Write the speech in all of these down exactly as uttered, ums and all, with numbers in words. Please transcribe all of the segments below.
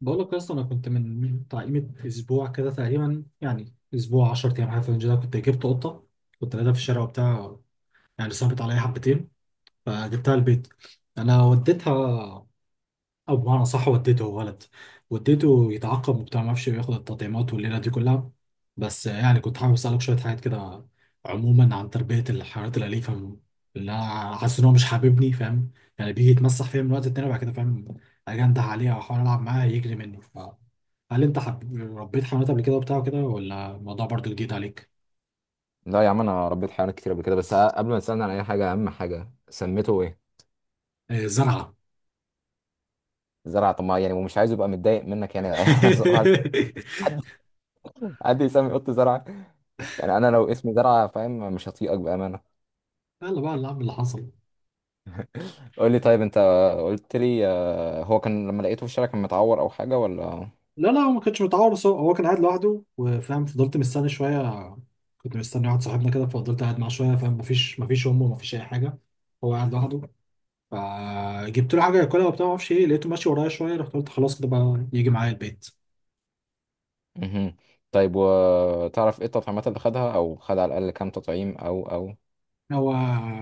بقول لك يا اسطى، انا كنت من بتاع قيمه اسبوع كده تقريبا، يعني اسبوع 10 ايام حاجه في الرينج ده. كنت جبت قطه. كنت قاعدها في الشارع وبتاع، يعني صعبت عليا حبتين فجبتها البيت. انا وديتها، او بمعنى صح وديته، غلط، وديته يتعاقب وبتاع، ما اعرفش ياخد التطعيمات والليله دي كلها. بس يعني كنت حابب اسالك شويه حاجات كده، عموما عن تربيه الحيوانات الاليفه. اللي انا حاسس ان هو مش حاببني، فاهم؟ يعني بيجي يتمسح فيا من وقت التاني، وبعد كده فاهم اجنده عليه، او احاول العب معاه يجري مني، ف... هل انت حب... ربيت حيوانات قبل كده وبتاع كده، ولا الموضوع برضو جديد عليك؟ لا يا عم، انا ربيت حيوانات كتير قبل كده. بس قبل ما تسالني عن اي حاجه، اهم حاجه سميته ايه؟ آه، زرعه. زرعه؟ طب ما يعني ومش عايز يبقى متضايق منك يعني. صباح الفل. حد، حد يسمي قط زرعه؟ يعني انا لو اسمي زرعه فاهم مش هطيقك بامانه. يلا بقى، اللي عم اللي حصل. قول لي طيب انت قلت لي آه، هو كان لما لقيته في الشارع كان متعور او حاجه ولا؟ لا، لا، هو ما كانش متعور، بس هو هو كان قاعد لوحده وفاهم، فضلت مستني شويه. كنت مستني واحد صاحبنا كده، ففضلت قاعد معاه شويه، فاهم؟ مفيش مفيش امه، مفيش اي حاجه. هو قاعد لوحده. فجبت له حاجه ياكلها وبتاع، ما اعرفش ايه، لقيته ماشي ورايا شويه، رحت قلت خلاص كده بقى يجي معايا البيت. مهم. طيب وتعرف ايه التطعيمات اللي خدها او خد على الاقل كام تطعيم او او؟ هو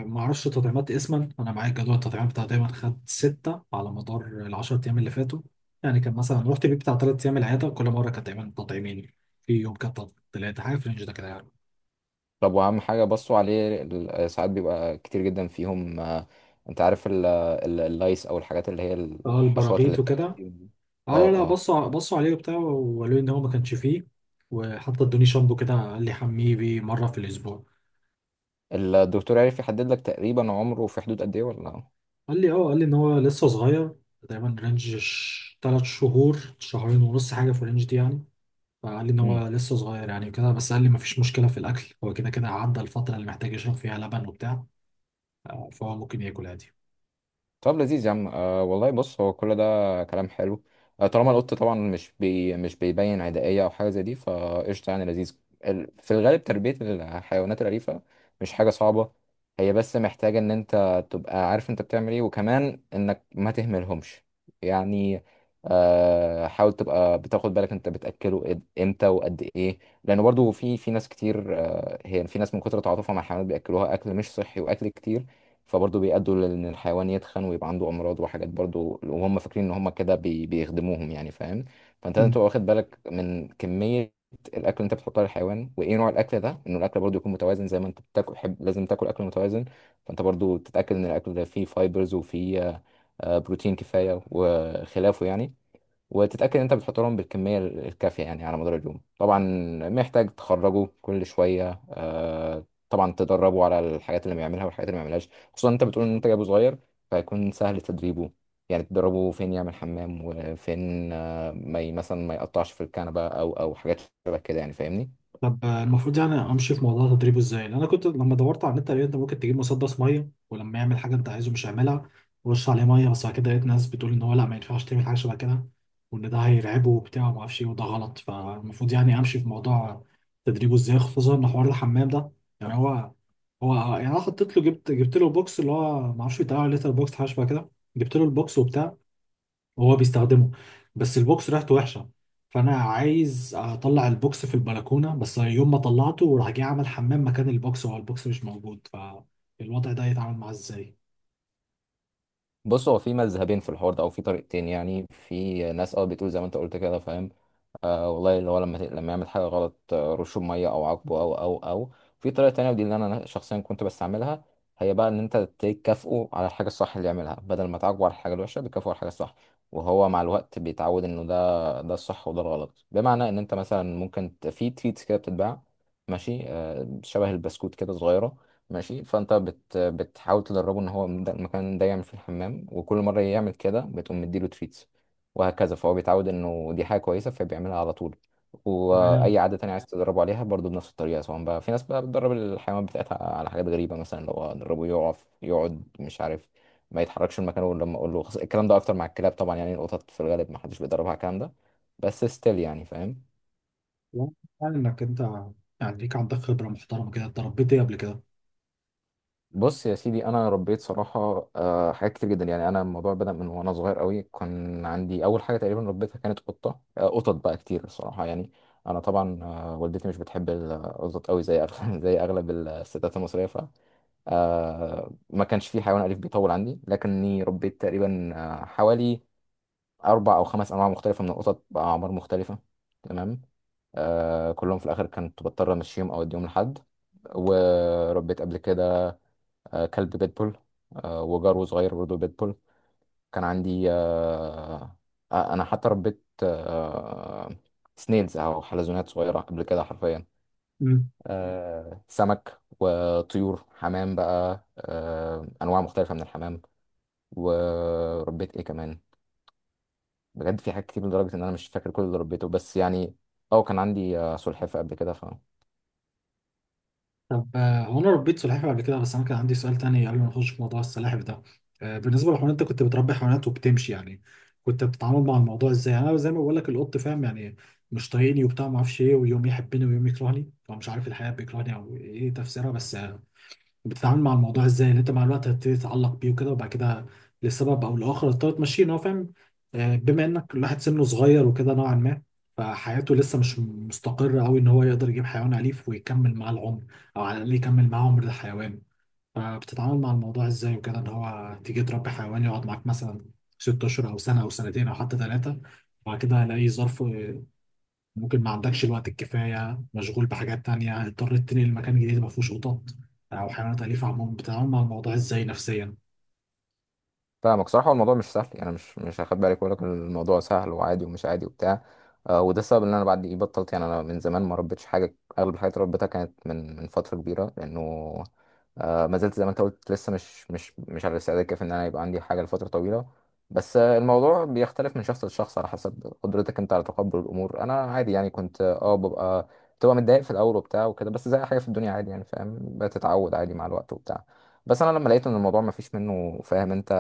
ما اعرفش تطعيمات اسما، انا معايا جدول التطعيمات بتاع. دايما خد سته على مدار العشر ايام اللي فاتوا. يعني كان مثلا رحت بيه بتاع ثلاث ايام العياده، كل مره كانت دايما تطعيمين. في يوم كانت تلاته، حاجه في الرينج ده كده يعني. طب واهم حاجه، بصوا عليه ال- ساعات بيبقى كتير جدا فيهم. آه، انت عارف ال- ال- اللايس او الحاجات اللي هي اه، الحشرات اللي البراغيث بتعلق وكده. فيهم دي. اه، لا، اه لا، اه. بصوا بصوا عليه وبتاع، وقالوا لي ان هو ما كانش فيه. وحتى ادوني شامبو كده، قال لي حميه بيه مره في الاسبوع. الدكتور عارف يحدد لك تقريبا عمره في حدود قد ايه ولا قال لي اه، قال لي ان هو لسه صغير. تقريبا رينج ش- تلات شهور، شهرين ونص، حاجه في الرينج دي يعني. فقال لي ان لا؟ هو لسه صغير يعني كده، بس قال لي ما فيش مشكله في الاكل، هو كده كده عدى الفتره اللي محتاج يشرب فيها لبن وبتاع. آه، فهو ممكن ياكل عادي. طب لذيذ يا عم. أه والله، بص هو كل ده كلام حلو. أه طالما القط طبعا مش بي مش بيبين عدائية أو حاجة زي دي، فقشطة يعني. لذيذ. ال- في الغالب تربية الحيوانات الأليفة مش حاجة صعبة. هي بس محتاجة إن أنت تبقى عارف أنت بتعمل إيه، وكمان إنك ما تهملهمش يعني. أه حاول تبقى بتاخد بالك أنت بتأكله إد- إمتى وقد إيه. لأنه برضو في في ناس كتير، أه هي في ناس من كتر تعاطفها مع الحيوانات بيأكلوها أكل مش صحي وأكل كتير، فبرضه بيأدوا لأن الحيوان يتخن ويبقى عنده أمراض وحاجات برضه، وهم فاكرين إن هم كده بي... بيخدموهم يعني فاهم. فأنت لازم تبقى واخد بالك من كمية الأكل اللي أنت بتحطها للحيوان وإيه نوع الأكل ده، إنه الأكل برضه يكون متوازن، زي ما أنت بتاكل حب... لازم تاكل أكل متوازن. فأنت برضه تتأكد إن الأكل ده فيه فايبرز وفيه آه، بروتين كفاية وخلافه يعني، وتتأكد إن أنت بتحط لهم بالكمية ال- الكافية يعني على مدار اليوم. طبعا محتاج تخرجه كل شوية. آه، طبعا تدربه على الحاجات اللي بيعملها والحاجات اللي ما بيعملهاش، خصوصا أنت بتقول إن أنت جايبه صغير، فهيكون سهل تدريبه. يعني تدربه فين يعمل حمام وفين آه، ما ي- مثلا ما يقطعش في الكنبة أو أو حاجات شبه كده يعني، فاهمني؟ طب المفروض يعني امشي في موضوع تدريبه ازاي؟ لان انا كنت لما دورت على النت لقيت انت ممكن تجيب مسدس ميه ولما يعمل حاجه انت عايزه مش هيعملها، ورش عليه ميه. بس بعد كده لقيت ناس بتقول ان هو لا، ما ينفعش تعمل حاجه شبه كده، وان ده هيرعبه وبتاع، وما اعرفش ايه، وده غلط. فالمفروض يعني امشي في موضوع تدريبه ازاي؟ خصوصا ان حوار الحمام ده، يعني هو هو يعني انا حطيت له، جبت جبت له بوكس، اللي هو ما اعرفش بيتقال عليه ليتر بوكس، حاجه شبه كده. جبت له البوكس وبتاع، وهو بيستخدمه. بس البوكس ريحته وحشه. فانا عايز اطلع البوكس في البلكونه، بس يوم ما طلعته راح جاي عمل حمام مكان البوكس، وهو البوكس مش موجود. فالوضع ده يتعامل معاه ازاي؟ بص هو في مذهبين في الحوار ده او في طريقتين. يعني في ناس اه بتقول زي ما انت قلت كده فاهم، آه والله، اللي هو لما ت- لما يعمل حاجه غلط آه، رشه بميه او عاقبه او او او. في طريقه تانية ودي اللي انا شخصيا كنت بستعملها، هي بقى ان انت تكافئه على الحاجه الصح اللي يعملها. بدل ما تعاقبه على الحاجه الوحشه، بتكافئه على الحاجه الصح، وهو مع الوقت بيتعود انه ده ده الصح وده الغلط. بمعنى ان انت مثلا ممكن ت- في تريتس كده بتتباع، ماشي؟ آه، شبه البسكوت كده صغيره، ماشي؟ فانت بت بتحاول تدربه ان هو ده- المكان ده يعمل في الحمام، وكل مره يعمل كده بتقوم مديله تريتس، وهكذا. فهو بيتعود انه دي حاجه كويسه فبيعملها على طول. تمام. واي عاده تانية عايز تدربه عليها برضه بنفس الطريقه. سواء بقى في ناس بقى بتدرب الحيوانات بتاعتها على حاجات غريبه، مثلا لو ادربه يقف يقعد مش عارف ما يتحركش من مكانه غير لما اقول له. الكلام ده اكتر مع الكلاب طبعا يعني، القطط في الغالب ما حدش بيدربها على الكلام ده، بس ستيل يعني فاهم. واضح انك انت، يعني ليك عندك خبره محترمه كده. اتدربت ايه قبل كده؟ بص يا سيدي، انا ربيت صراحه آه، حاجات كتير جدا. يعني انا الموضوع بدا من وانا صغير قوي، كان عندي اول حاجه تقريبا ربيتها كانت قطه. آه، قطط بقى كتير الصراحه يعني. انا طبعا آه، والدتي مش بتحب القطط قوي زي أغلب- زي اغلب الستات المصريه، ف آه، ما كانش في حيوان اليف بيطول عندي. لكني ربيت تقريبا آه، حوالي اربع او خمس انواع مختلفه من القطط باعمار مختلفه. تمام. آه، كلهم في الاخر كنت بضطر امشيهم او اديهم لحد. وربيت قبل كده آه، كلب بيتبول، آه، وجرو صغير برضه بيتبول. كان عندي آه، آه، انا حتى ربيت آه، سنيلز او حلزونات صغيره قبل كده حرفيا. آه، سمك وطيور حمام بقى، آه، انواع مختلفه من الحمام. وربيت ايه كمان؟ بجد في حاجات كتير لدرجه ان انا مش فاكر كل اللي ربيته. بس يعني اه كان عندي آه، سلحفاه قبل كده. طب، آه، هو انا ربيت سلحفاه قبل كده، بس انا كان عندي سؤال تاني قبل ما نخش في موضوع السلاحف ده. آه، بالنسبه للحيوانات، انت كنت بتربي حيوانات وبتمشي يعني، كنت بتتعامل مع الموضوع ازاي؟ يعني انا زي ما بقول لك، القط فاهم يعني مش طايقني وبتاع، ما اعرفش ايه، ويوم يحبني ويوم يكرهني، هو مش عارف الحياه بيكرهني او ايه تفسيرها، بس بتتعامل مع الموضوع ازاي ان انت مع الوقت هتبتدي تتعلق بيه وكده، وبعد كده لسبب او لاخر هتضطر تمشيه، ان هو فاهم؟ آه، بما انك الواحد سنه صغير وكده نوعا ما، فحياته لسه مش مستقرة قوي ان هو يقدر يجيب حيوان أليف ويكمل معاه العمر، او على الاقل يكمل معاه عمر الحيوان. فبتتعامل مع الموضوع ازاي وكده، ان هو تيجي تربي حيوان يقعد معاك مثلا ست اشهر او سنة او سنتين او حتى ثلاثة، وبعد كده هلاقيه ظرف، ممكن ما عندكش الوقت الكفايه، مشغول بحاجات تانية، اضطريت تنقل مكان جديد ما فيهوش قطط او حيوانات اليفه عموما، بتتعامل مع الموضوع ازاي نفسيا؟ فاهمك. صراحة هو الموضوع مش سهل يعني، مش مش هاخد بالك واقول لك إن الموضوع سهل وعادي. ومش عادي وبتاع آه، وده السبب ان انا بعد ايه بطلت. يعني انا من زمان ما ربيتش حاجة، اغلب الحاجات اللي ربيتها كانت من من فترة كبيرة، لانه آه، ما زلت زي ما انت قلت لسه مش مش مش على الاستعداد الكافي ان انا يبقى عندي حاجة لفترة طويلة. بس آه، الموضوع بيختلف من شخص لشخص على حسب قدرتك انت على تقبل الامور. انا عادي يعني، كنت اه ببقى بتبقى متضايق في الاول وبتاع وكده، بس زي أي حاجة في الدنيا عادي يعني فاهم، بتتعود عادي مع الوقت وبتاع. بس انا لما لقيت ان الموضوع ما فيش منه فاهم انت،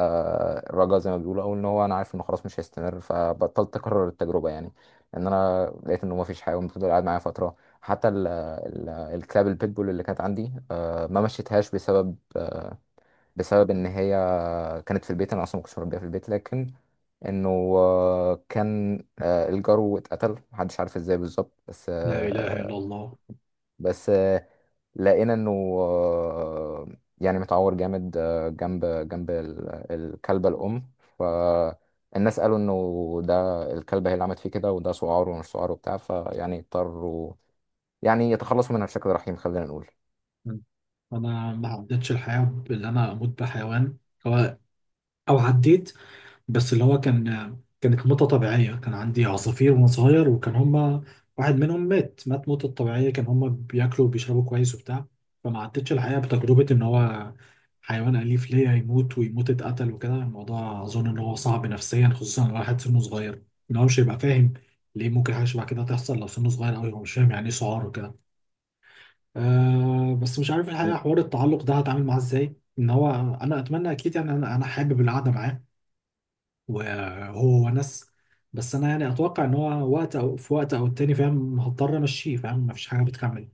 الرجاء زي ما بيقولوا، او ان هو انا عارف انه خلاص مش هيستمر، فبطلت اكرر التجربه يعني. ان انا لقيت انه ما فيش حاجه وفضل قاعد معايا فتره. حتى ال ال الكلاب البيتبول اللي كانت عندي، آه، ما مشيتهاش بسبب آه، بسبب ان هي كانت في البيت، انا اصلا ما كنتش مربيها في البيت. لكن انه آه، كان آه، الجرو اتقتل محدش عارف ازاي بالظبط. بس لا اله آه، الا الله. بس آه، لقينا انه آه، يعني متعور جامد آه، جنب جنب ال- الكلبة الأم، فالناس قالوا انه ده الكلبة هي اللي عملت فيه كده، وده سعار ومش سعار وبتاع، فيعني اضطروا يعني يتخلصوا منها بشكل رحيم، خلينا نقول. انا ما عدتش الحياه بان انا اموت بحيوان. هو- او عديت، بس اللي هو كان، كانت موتة طبيعية. كان عندي عصافير وأنا صغير وكان هما، واحد منهم مات مات موتة طبيعية، كان هما بياكلوا وبيشربوا كويس وبتاع. فما عدتش الحقيقة بتجربة إن هو حيوان أليف ليا يموت، ويموت اتقتل وكده. الموضوع أظن إن هو صعب نفسيا، خصوصا لو واحد سنه صغير، إن هو مش هيبقى فاهم ليه ممكن حاجة شبه كده تحصل، لو سنه صغير أوي هو مش فاهم يعني إيه سعار وكده. أه، بس مش عارف الحقيقة، حوار التعلق ده هتعامل معاه إزاي إن هو، أنا أتمنى أكيد يعني. أنا أنا حابب القعدة معاه وهو ونس. بس انا يعني اتوقع ان هو وقت، او في وقت او التاني، فاهم، هضطر امشيه، فاهم مفيش حاجه بتكمل.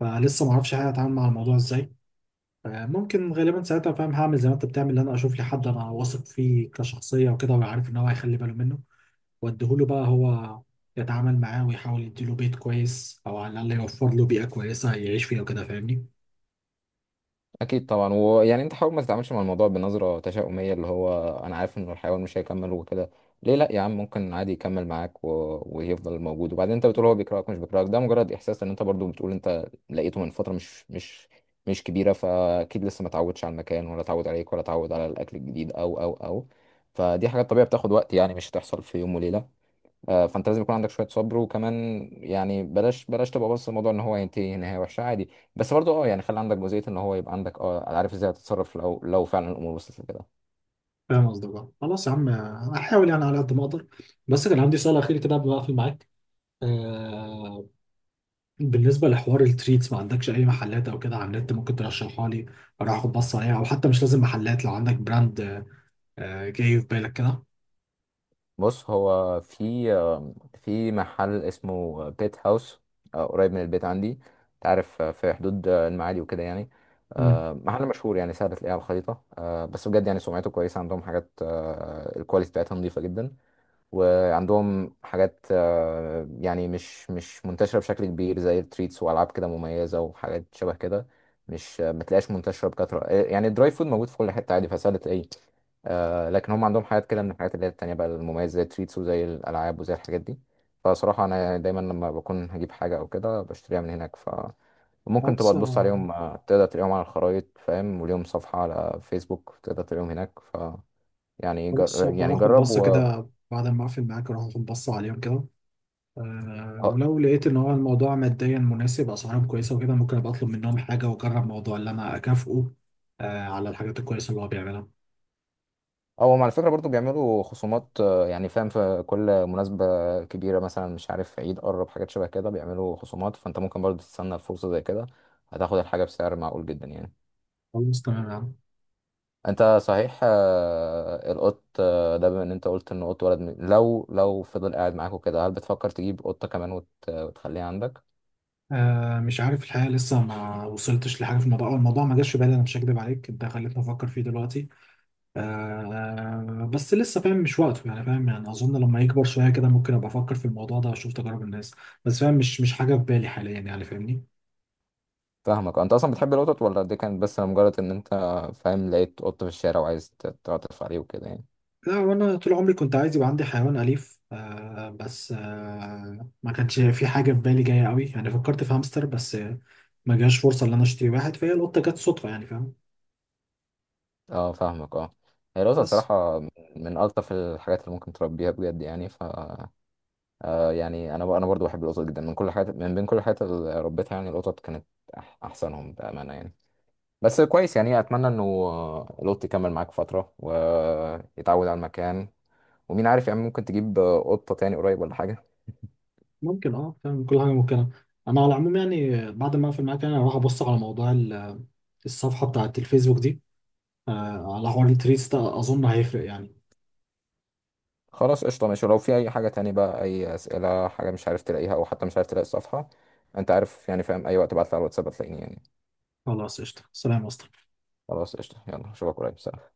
فلسه ما اعرفش حاجه اتعامل مع الموضوع ازاي. آه، ممكن غالبا ساعتها، فاهم، هعمل زي ما انت بتعمل، ان انا اشوف لي حد انا واثق فيه كشخصيه وكده، وعارف ان هو هيخلي باله منه، واديهوله بقى هو يتعامل معاه، ويحاول يديله بيت كويس او على الاقل يوفر له بيئه كويسه يعيش فيها وكده، فاهمني؟ اكيد طبعا. ويعني انت حاول ما تتعاملش مع الموضوع بنظره تشاؤميه، اللي هو انا عارف ان الحيوان مش هيكمل وكده. ليه لا يا عم، ممكن عادي يكمل معاك و... ويفضل موجود. وبعدين انت بتقول هو بيكرهك، مش بيكرهك، ده مجرد احساس. ان انت برضو بتقول انت لقيته من فتره مش مش مش كبيره، فاكيد لسه ما اتعودش على المكان ولا اتعود عليك ولا اتعود على الاكل الجديد او او او. فدي حاجات طبيعيه بتاخد وقت يعني، مش هتحصل في يوم وليله. آه، فانت لازم يكون عندك شويه صبر، وكمان يعني بلاش بلاش تبقى بص الموضوع ان هو هينتهي نهايه وحشه عادي. بس برضه اه يعني خلي عندك جزئيه ان هو يبقى عندك اه عارف ازاي هتتصرف لو لو فعلا الامور وصلت لكده. فاهم قصدك بقى. خلاص يا عم، آه، هحاول يعني على قد ما اقدر. بس كان عندي سؤال اخير كده قبل ما اقفل معاك. آه، بالنسبة لحوار التريتس، ما عندكش أي محلات أو كده على النت ممكن ترشحها لي؟ أروح أخد بصة عليها، أو حتى مش لازم محلات، لو عندك براند آه، جاي في بالك كده. بص هو في في محل اسمه بيت هاوس، آه، قريب من البيت عندي. انت عارف آه، في حدود آه، المعادي وكده يعني، مم. آه، محل مشهور يعني سهل تلاقيه على الخريطة. آه، بس بجد يعني سمعته كويسة، عندهم حاجات آه، الكواليتي بتاعتها نظيفة جدا، وعندهم حاجات آه، يعني مش مش منتشرة بشكل كبير زي التريتس وألعاب كده مميزة وحاجات شبه كده. مش آه، ما تلاقيهاش منتشرة بكثرة. آه، يعني الدراي فود موجود في كل حتة عادي فسهل تلاقيه. آه، لكن هم عندهم حاجات كده من الحاجات اللي هي التانية بقى المميزة، زي التريتس وزي الألعاب وزي الحاجات دي. فصراحة أنا يعني دايما لما بكون هجيب حاجة أو كده بشتريها من هناك. فممكن تبقى خلاص. تبص آه، عليهم آه، تقدر تلاقيهم على الخرايط فاهم، وليهم صفحة على فيسبوك تقدر تلاقيهم هناك، ف يعني خلاص جر... هبقى يعني آخد جرب بصة و كده بعد ما أقفل معاك، أروح أخد بصة عليهم كده. أه، آه، ولو لقيت إن هو الموضوع ماديا مناسب، أسعارهم كويسة وكده، ممكن أبقى أطلب منهم حاجة وأجرب موضوع اللي أنا أكافئه أه على الحاجات الكويسة اللي هو بيعملها. هم على فكرة برضو بيعملوا خصومات آه، يعني فاهم، في كل مناسبة كبيرة مثلا مش عارف عيد قرب حاجات شبه كده بيعملوا خصومات، فأنت ممكن برضو تستنى فرصة زي كده، هتاخد الحاجة بسعر معقول جدا يعني. خلاص تمام يا عم. انت صحيح آه، القط آه، ده، بما ان انت قلت ان قط ولد م- لو لو فضل قاعد معاك وكده، هل بتفكر تجيب قطة كمان وت- وتخليها عندك؟ آه مش عارف الحقيقة، لسه ما وصلتش لحاجة في الموضوع، أو الموضوع ما جاش في بالي. أنا مش هكدب عليك، أنت خليتني أفكر فيه دلوقتي. آه بس لسه، فاهم، مش وقته يعني، فاهم، يعني أظن لما يكبر شوية كده ممكن أبقى أفكر في الموضوع ده وأشوف تجارب الناس. بس فاهم مش مش حاجة في بالي حاليا يعني، فاهمني؟ فاهمك. انت اصلا بتحب القطط ولا دي كانت بس مجرد ان انت فاهم لقيت قط في الشارع وعايز ت- تعطف عليه وكده يعني؟ لا، وأنا طول عمري كنت عايز يبقى عندي حيوان أليف. آه بس آه ما كانش في حاجة في بالي جاية قوي يعني، فكرت في هامستر بس. آه، ما جاش فرصة إن أنا أشتري واحد، فهي القطة جت صدفة يعني، فاهم؟ اه فاهمك اه. هي القطط بس. صراحة من من الطف الحاجات اللي ممكن تربيها بجد يعني، ف آه، يعني انا ب- انا برضو بحب القطط جدا من كل حاجات، من بين كل الحاجات اللي ربيتها يعني القطط كانت أح- احسنهم بأمانة يعني. بس كويس يعني، اتمنى انه لوت يكمل معاك فتره ويتعود على المكان، ومين عارف يعني، ممكن تجيب قطه تاني قريب ولا حاجه. ممكن، اه، فاهم، كل حاجه ممكنه. انا على العموم يعني بعد ما اقفل معاك يعني، انا هروح ابص على موضوع ال- الصفحه بتاعه الفيسبوك دي. آه، على حوار التريس ده، اظن هيفرق يعني. خلاص قشطه ماشي. ولو في اي حاجه تاني بقى، اي اسئله حاجه مش عارف تلاقيها او حتى مش عارف تلاقي الصفحه، انت عارف يعني فاهم اي وقت ابعت لي على الواتساب هتلاقيني يعني. خلاص قشطه. سلام يا اسطى. خلاص قشطه، يلا اشوفك قريب، سلام.